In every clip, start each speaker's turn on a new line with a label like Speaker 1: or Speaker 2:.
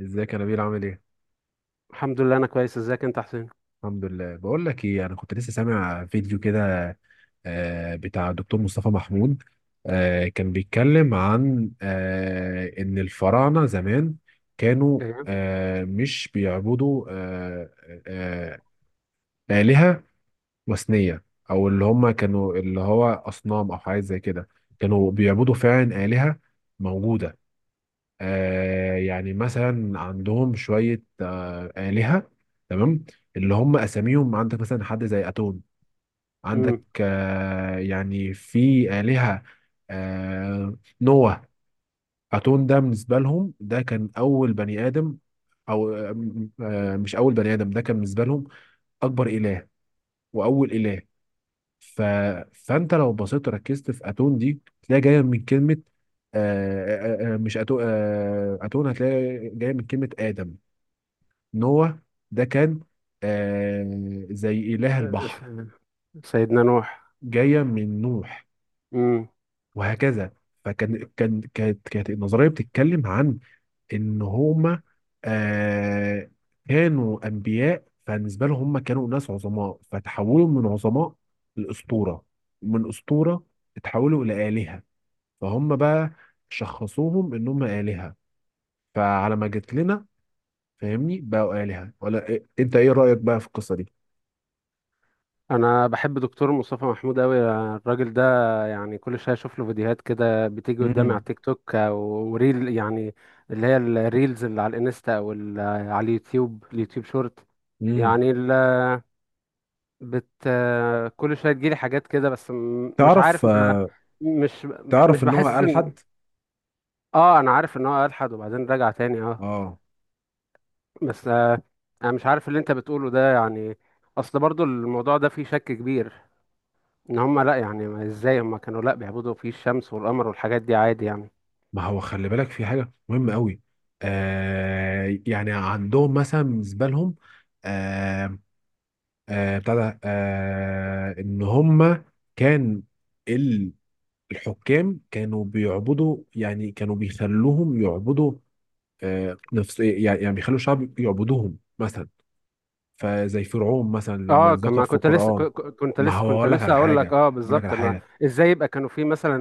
Speaker 1: ازيك يا نبيل عامل ايه؟
Speaker 2: الحمد لله انا كويس، ازيك انت يا حسين؟
Speaker 1: الحمد لله. بقول لك ايه، انا كنت لسه سامع فيديو كده. بتاع الدكتور مصطفى محمود. كان بيتكلم عن ان الفراعنه زمان كانوا،
Speaker 2: ايوه.
Speaker 1: مش بيعبدوا آه، آلهة وثنية، او اللي هم كانوا اللي هو اصنام او حاجات زي كده. كانوا بيعبدوا فعلا آلهة موجودة. يعني مثلا عندهم شوية آلهة تمام، اللي هم أساميهم. عندك مثلا حد زي أتون، عندك
Speaker 2: امم
Speaker 1: يعني في آلهة نوح. أتون ده بالنسبة لهم ده كان أول بني آدم، أو مش أول بني آدم، ده كان بالنسبة لهم أكبر إله وأول إله. ف... فانت لو بصيت وركزت في اتون دي تلاقي جايه من كلمه، مش اتون، اتون هتلاقي جايه من كلمه ادم. نوح ده كان زي اله البحر
Speaker 2: سيدنا نوح.
Speaker 1: جايه من نوح،
Speaker 2: امم
Speaker 1: وهكذا. فكان كان كانت كانت النظريه بتتكلم عن ان هما آه كانوا انبياء. فبالنسبه لهم هم كانوا ناس عظماء، فتحولوا من عظماء لاسطوره، من اسطوره اتحولوا الى الهه. فهم بقى شخصوهم ان هم آلهة، فعلى ما جت لنا، فاهمني، بقوا آلهة ولا إيه؟ انت ايه رأيك بقى في القصة دي؟
Speaker 2: انا بحب دكتور مصطفى محمود قوي، الراجل ده، يعني كل شويه اشوف له فيديوهات كده بتيجي قدامي على
Speaker 1: امم.
Speaker 2: تيك توك وريل يعني، اللي هي الريلز اللي على الانستا او على اليوتيوب، اليوتيوب شورت
Speaker 1: امم.
Speaker 2: يعني ال- بت كل شويه تجيلي حاجات كده، بس مش
Speaker 1: تعرف
Speaker 2: عارف ما.
Speaker 1: آه،
Speaker 2: مش مش
Speaker 1: تعرف ان هو
Speaker 2: بحس
Speaker 1: قال
Speaker 2: ان،
Speaker 1: حد.
Speaker 2: اه انا عارف ان هو الحد وبعدين رجع تاني آه.
Speaker 1: اه.
Speaker 2: بس انا مش عارف اللي انت بتقوله ده يعني، اصل برضو الموضوع ده فيه شك كبير، ان هم لا يعني ازاي هم كانوا لا بيعبدوا فيه الشمس والقمر والحاجات دي عادي يعني.
Speaker 1: ما هو خلي بالك في حاجة مهمة قوي. يعني عندهم مثلا بالنسبة لهم، آه بتاع ده، ان هم كان ال- الحكام كانوا بيعبدوا، يعني كانوا بيخلوهم يعبدوا نفس، يعني بيخلوا الشعب يعبدوهم مثلا، فزي فرعون مثلا لما
Speaker 2: اه،
Speaker 1: اتذكر
Speaker 2: كما
Speaker 1: في
Speaker 2: كنت لسه،
Speaker 1: القرآن.
Speaker 2: كنت
Speaker 1: ما
Speaker 2: لسه،
Speaker 1: هو هقول لك على
Speaker 2: هقول لك
Speaker 1: حاجة،
Speaker 2: اه
Speaker 1: بقول لك
Speaker 2: بالظبط
Speaker 1: على
Speaker 2: ما.
Speaker 1: حاجة.
Speaker 2: ازاي يبقى كانوا فيه مثلا،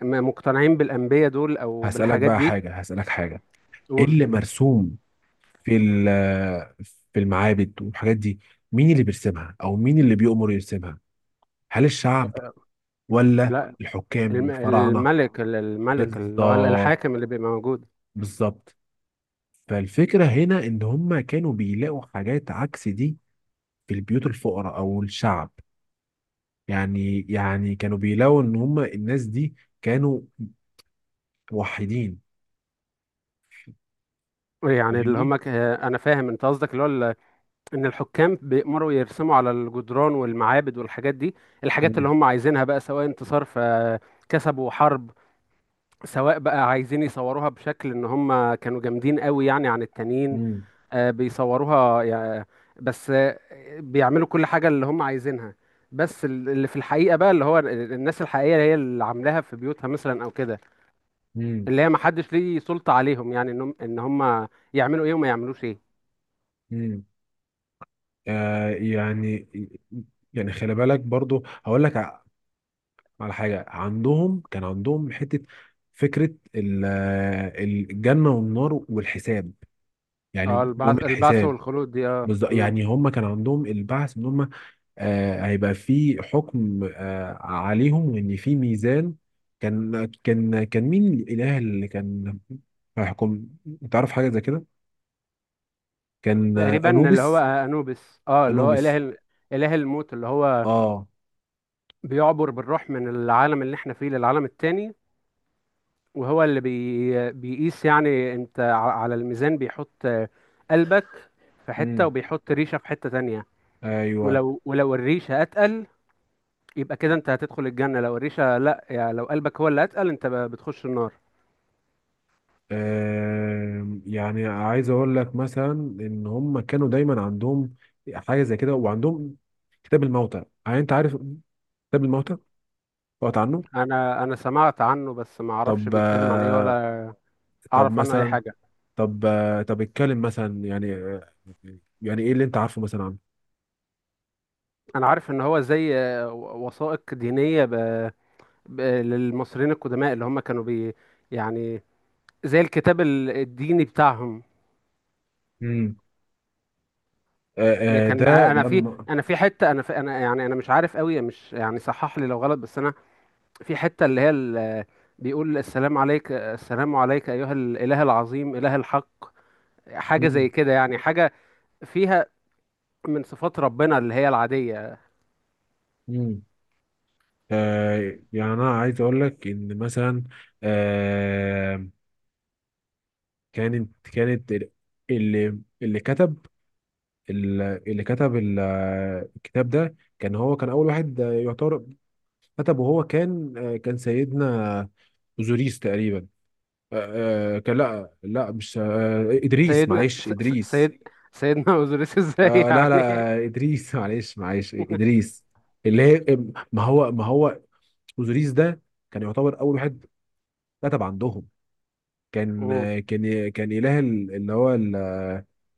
Speaker 2: مقتنعين بالانبياء دول او بالحاجات دي؟
Speaker 1: هسألك حاجة. ايه
Speaker 2: قول.
Speaker 1: اللي مرسوم في ال- في المعابد والحاجات دي؟ مين اللي بيرسمها او مين اللي بيؤمر يرسمها؟ هل الشعب ولا
Speaker 2: لا،
Speaker 1: الحكام والفراعنة؟
Speaker 2: الملك، الملك اللي هو
Speaker 1: بالظبط،
Speaker 2: الحاكم اللي بيبقى موجود.
Speaker 1: بالظبط. فالفكرة هنا ان هم كانوا بيلاقوا حاجات عكس دي في البيوت الفقراء او الشعب. يعني كانوا بيلاقوا ان هم الناس دي كانوا موحدين.
Speaker 2: يعني
Speaker 1: فاهمني.
Speaker 2: انا فاهم انت قصدك اللي هو ان الحكام بيأمروا يرسموا على الجدران والمعابد والحاجات دي، الحاجات
Speaker 1: مم.
Speaker 2: اللي هم عايزينها بقى، سواء انتصار فكسبوا حرب، سواء بقى عايزين يصوروها بشكل ان هم كانوا جامدين قوي يعني عن التانيين.
Speaker 1: مم.
Speaker 2: آه، بيصوروها يع- بس آه، بيعملوا كل حاجة اللي هم عايزينها، بس اللي في الحقيقة بقى اللي هو الناس الحقيقية هي اللي عاملاها في بيوتها مثلا او كده،
Speaker 1: مم.
Speaker 2: اللي هي محدش ليه سلطة عليهم يعني ان هم ان هم يعملوا ايه وما يعملوش ايه.
Speaker 1: مم. يعني، خلي بالك برضو. على حاجة عندهم، كان عندهم حتة فكرة الجنة والنار والحساب،
Speaker 2: اه،
Speaker 1: يعني يوم
Speaker 2: البعث،
Speaker 1: الحساب.
Speaker 2: والخلود دي اه.
Speaker 1: بالظبط، يعني هم كان عندهم البعث ان هم هيبقى في حكم عليهم، وان في ميزان. كان مين الاله اللي كان هيحكم؟ تعرف حاجه زي كده. كان
Speaker 2: تقريبا اللي هو
Speaker 1: انوبis،
Speaker 2: انوبيس اه، اللي هو
Speaker 1: انوبis.
Speaker 2: اله الموت، اللي هو
Speaker 1: اه.
Speaker 2: بيعبر بالروح من العالم اللي احنا فيه للعالم التاني، وهو اللي بيقيس، يعني انت على الميزان بيحط قلبك في حتة،
Speaker 1: امم.
Speaker 2: وبيحط ريشة في حتة تانية.
Speaker 1: ايوه.
Speaker 2: ولو الريشة اتقل يبقى كده انت هتدخل الجنة، لو الريشة لا، يعني لو قلبك هو اللي اتقل انت بتخش النار.
Speaker 1: يعني عايز اقول لك مثلا ان هم كانوا دايما عندهم حاجه زي كده، وعندهم كتاب الموتى. يعني انت عارف كتاب الموتى؟ قرأت عنه؟
Speaker 2: انا سمعت عنه، بس ما اعرفش
Speaker 1: طب
Speaker 2: بيتكلم عن ايه
Speaker 1: آه،
Speaker 2: ولا
Speaker 1: طب
Speaker 2: اعرف عنه اي
Speaker 1: مثلا
Speaker 2: حاجة.
Speaker 1: طب آه، طب اتكلم مثلا، يعني ايه اللي انت عارفه مثلا عنه؟
Speaker 2: انا عارف ان هو زي وثائق دينية للمصريين القدماء اللي هم كانوا بي يعني زي الكتاب الديني بتاعهم.
Speaker 1: امم.
Speaker 2: يعني
Speaker 1: آه،
Speaker 2: كان،
Speaker 1: ده لما.
Speaker 2: انا في، انا مش عارف قوي، مش يعني، صحح لي لو غلط، بس انا في حته اللي هي بيقول السلام عليك، السلام عليك ايها الاله العظيم، اله الحق. حاجه زي
Speaker 1: امم.
Speaker 2: كده يعني، حاجه فيها من صفات ربنا اللي هي العاديه.
Speaker 1: امم. يعني انا عايز اقول لك ان مثلا، آه، كانت كانت ال- اللي اللي كتب ال- اللي كتب ال- آه، الكتاب ده، كان هو كان اول واحد يعتبر كتب. وهو كان كان سيدنا اوزوريس تقريبا. كان، لا لا، مش ادريس،
Speaker 2: سيدنا
Speaker 1: معلش
Speaker 2: س- س-
Speaker 1: ادريس.
Speaker 2: سيد سيدنا اوزوريس ازاي
Speaker 1: آه لا
Speaker 2: يعني؟
Speaker 1: لا ادريس معلش معلش ادريس. اللي هي ما هو اوزوريس ده كان يعتبر اول واحد كتب عندهم. كان
Speaker 2: أمم.
Speaker 1: كان اله ال- اللي هو ال-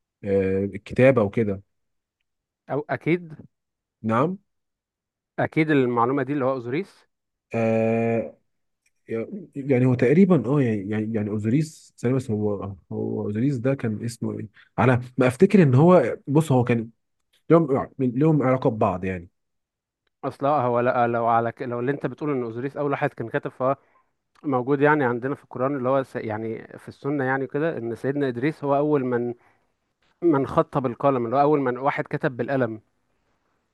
Speaker 1: آه، الكتابه وكده.
Speaker 2: أو أكيد.
Speaker 1: نعم.
Speaker 2: أكيد المعلومة دي اللي هو أوزوريس.
Speaker 1: آه يعني هو تقريبا اه، يعني اوزوريس ثانية، بس هو اوزوريس ده كان اسمه ايه؟ على ما افتكر ان هو، بص، هو كان لهم، يعني لهم علاقه ببعض يعني.
Speaker 2: اصل هو لا، لو اللي انت بتقول ان اوزوريس اول واحد كان كاتب، فهو موجود يعني عندنا في القران، اللي هو يعني في السنه يعني كده، ان سيدنا ادريس هو اول من خط بالقلم، اللي هو اول واحد كتب بالقلم.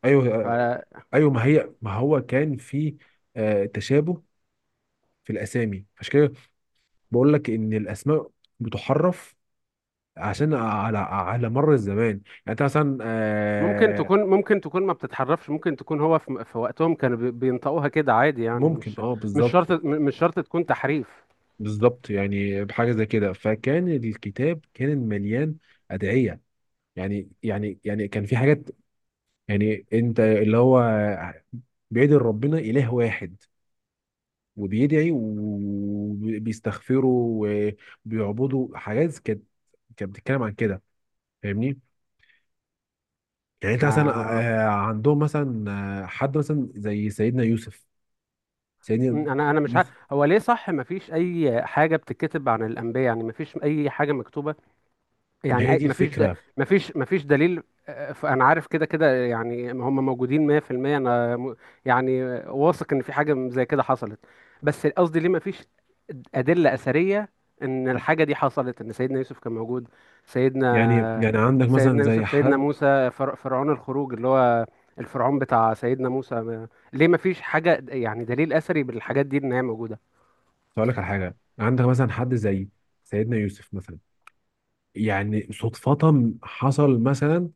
Speaker 1: ايوه
Speaker 2: فممكن
Speaker 1: ايوه. ما هي، ما هو كان في تشابه في الاسامي، فعشان كده بقول لك ان الاسماء بتحرف عشان على مر الزمان يعني. انت مثلا
Speaker 2: تكون، ممكن تكون ما بتتحرفش، ممكن تكون هو في وقتهم كانوا بينطقوها كده عادي يعني،
Speaker 1: ممكن، اه.
Speaker 2: مش
Speaker 1: بالظبط،
Speaker 2: شرط، مش شرط تكون تحريف.
Speaker 1: بالظبط. يعني بحاجه زي كده. فكان الكتاب كان مليان ادعيه. يعني كان في حاجات. يعني انت اللي هو بيدعي ربنا اله واحد، وبيدعي وبيستغفره وبيعبده. حاجات كانت بتتكلم عن كده. فاهمني. يعني انت مثلا
Speaker 2: آه...
Speaker 1: عندهم مثلا حد مثلا زي سيدنا يوسف. سيدنا
Speaker 2: انا مش
Speaker 1: يوسف
Speaker 2: هو ليه صح ما فيش اي حاجه بتتكتب عن الانبياء؟ يعني ما فيش اي حاجه مكتوبه
Speaker 1: ما
Speaker 2: يعني،
Speaker 1: هي دي
Speaker 2: مفيش
Speaker 1: الفكره.
Speaker 2: مفيش دليل. انا عارف كده كده يعني هم موجودين 100%، انا يعني واثق ان في حاجه زي كده حصلت، بس قصدي ليه مفيش ادله اثريه ان الحاجه دي حصلت، ان سيدنا يوسف كان موجود،
Speaker 1: يعني
Speaker 2: سيدنا
Speaker 1: يعني عندك مثلا
Speaker 2: سيدنا
Speaker 1: زي
Speaker 2: يوسف، سيدنا
Speaker 1: حد.
Speaker 2: موسى، فرعون الخروج اللي هو الفرعون بتاع سيدنا موسى، ليه مفيش حاجه يعني دليل اثري بالحاجات دي ان هي موجوده؟
Speaker 1: اقول لك على حاجه. عندك مثلا حد زي سيدنا يوسف مثلا. يعني صدفه حصل مثلا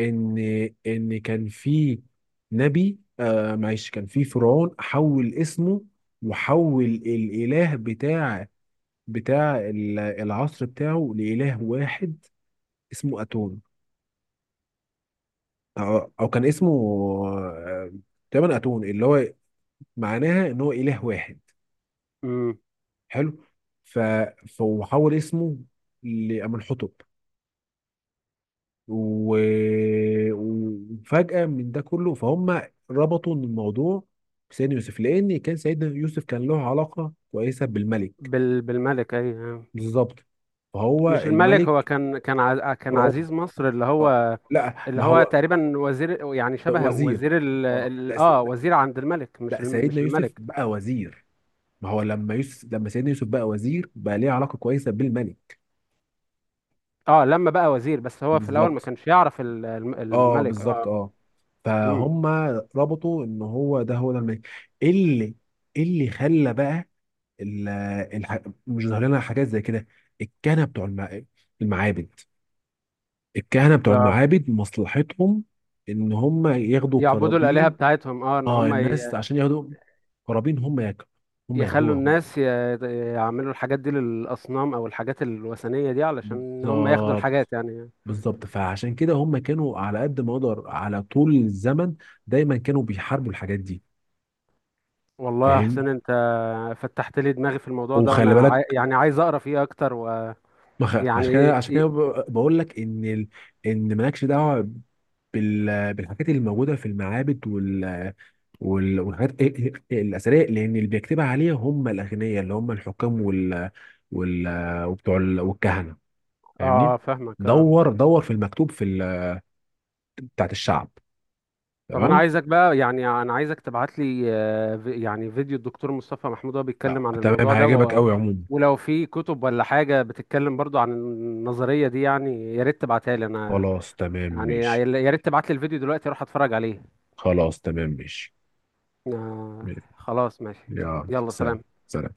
Speaker 1: ان كان في نبي، معلش، كان في فرعون حول اسمه وحول الاله بتاع العصر بتاعه لاله واحد اسمه اتون. أو كان اسمه آه، تقريبا أتون، اللي هو معناها إن هو إله واحد.
Speaker 2: امم
Speaker 1: حلو. ف... فحول اسمه لأمنحتب، و... وفجأة من ده كله فهم ربطوا إن الموضوع بسيدنا يوسف، لأن كان سيدنا يوسف كان له علاقة كويسة بالملك.
Speaker 2: بالملك اي.
Speaker 1: بالظبط، فهو
Speaker 2: مش الملك هو
Speaker 1: الملك.
Speaker 2: كان، كان
Speaker 1: فرعون.
Speaker 2: عزيز مصر اللي
Speaker 1: اه.
Speaker 2: هو،
Speaker 1: لا،
Speaker 2: اللي
Speaker 1: ما
Speaker 2: هو
Speaker 1: هو
Speaker 2: تقريبا وزير يعني، شبه
Speaker 1: وزير.
Speaker 2: وزير
Speaker 1: اه، لا،
Speaker 2: اه
Speaker 1: لا.
Speaker 2: وزير عند الملك، مش
Speaker 1: لا،
Speaker 2: مش
Speaker 1: سيدنا يوسف
Speaker 2: الملك.
Speaker 1: بقى وزير. ما هو لما سيدنا يوسف بقى وزير بقى ليه علاقه كويسه بالملك.
Speaker 2: اه لما بقى وزير، بس هو في الاول ما
Speaker 1: بالظبط،
Speaker 2: كانش يعرف
Speaker 1: اه،
Speaker 2: الملك
Speaker 1: بالظبط،
Speaker 2: اه.
Speaker 1: اه.
Speaker 2: امم
Speaker 1: فهم ربطوا ان هو ده الملك، اللي اللي خلى بقى ال- الح... مش ظاهر لنا حاجات زي كده. الكهنه بتوع المعابد. الكهنه بتوع
Speaker 2: آه.
Speaker 1: المعابد مصلحتهم ان هم ياخدوا
Speaker 2: يعبدوا الآلهة
Speaker 1: قرابين.
Speaker 2: بتاعتهم، اه ان
Speaker 1: اه،
Speaker 2: هم
Speaker 1: الناس عشان ياخدوا قرابين، هم
Speaker 2: يخلوا
Speaker 1: ياخدوها هم.
Speaker 2: الناس يعملوا الحاجات دي للأصنام او الحاجات الوثنية دي علشان هم ياخدوا الحاجات
Speaker 1: بالظبط،
Speaker 2: يعني.
Speaker 1: بالظبط. فعشان كده هم كانوا على قد ما يقدر، على طول الزمن دايما كانوا بيحاربوا الحاجات دي.
Speaker 2: والله يا
Speaker 1: فاهم.
Speaker 2: حسين انت فتحت لي دماغي في الموضوع ده،
Speaker 1: وخلي
Speaker 2: وانا
Speaker 1: بالك،
Speaker 2: يعني عايز اقرا فيه اكتر
Speaker 1: ما خ-
Speaker 2: ويعني.
Speaker 1: عشان كده بقول لك ان ان مالكش دعوه بالحاجات اللي موجوده في المعابد، والحاجات الاثريه، لان اللي بيكتبها عليها هم الاغنياء اللي هم الحكام، وال... والكهنه.
Speaker 2: اه،
Speaker 1: فاهمني.
Speaker 2: فاهمك اه.
Speaker 1: دور دور في المكتوب بتاعت الشعب.
Speaker 2: طب انا
Speaker 1: تمام.
Speaker 2: عايزك بقى، يعني انا عايزك تبعت لي يعني فيديو الدكتور مصطفى محمود وهو بيتكلم عن
Speaker 1: تمام،
Speaker 2: الموضوع ده
Speaker 1: هيعجبك قوي عموما.
Speaker 2: ولو في كتب ولا حاجة بتتكلم برضو عن النظرية دي، يعني يا ريت تبعتها لي انا،
Speaker 1: خلاص، تمام،
Speaker 2: يعني
Speaker 1: ماشي.
Speaker 2: يا ريت تبعت لي الفيديو دلوقتي اروح اتفرج عليه.
Speaker 1: خلاص، تمام، ماشي.
Speaker 2: آه، خلاص ماشي.
Speaker 1: يلا
Speaker 2: يلا
Speaker 1: سلام.
Speaker 2: سلام.
Speaker 1: سلام.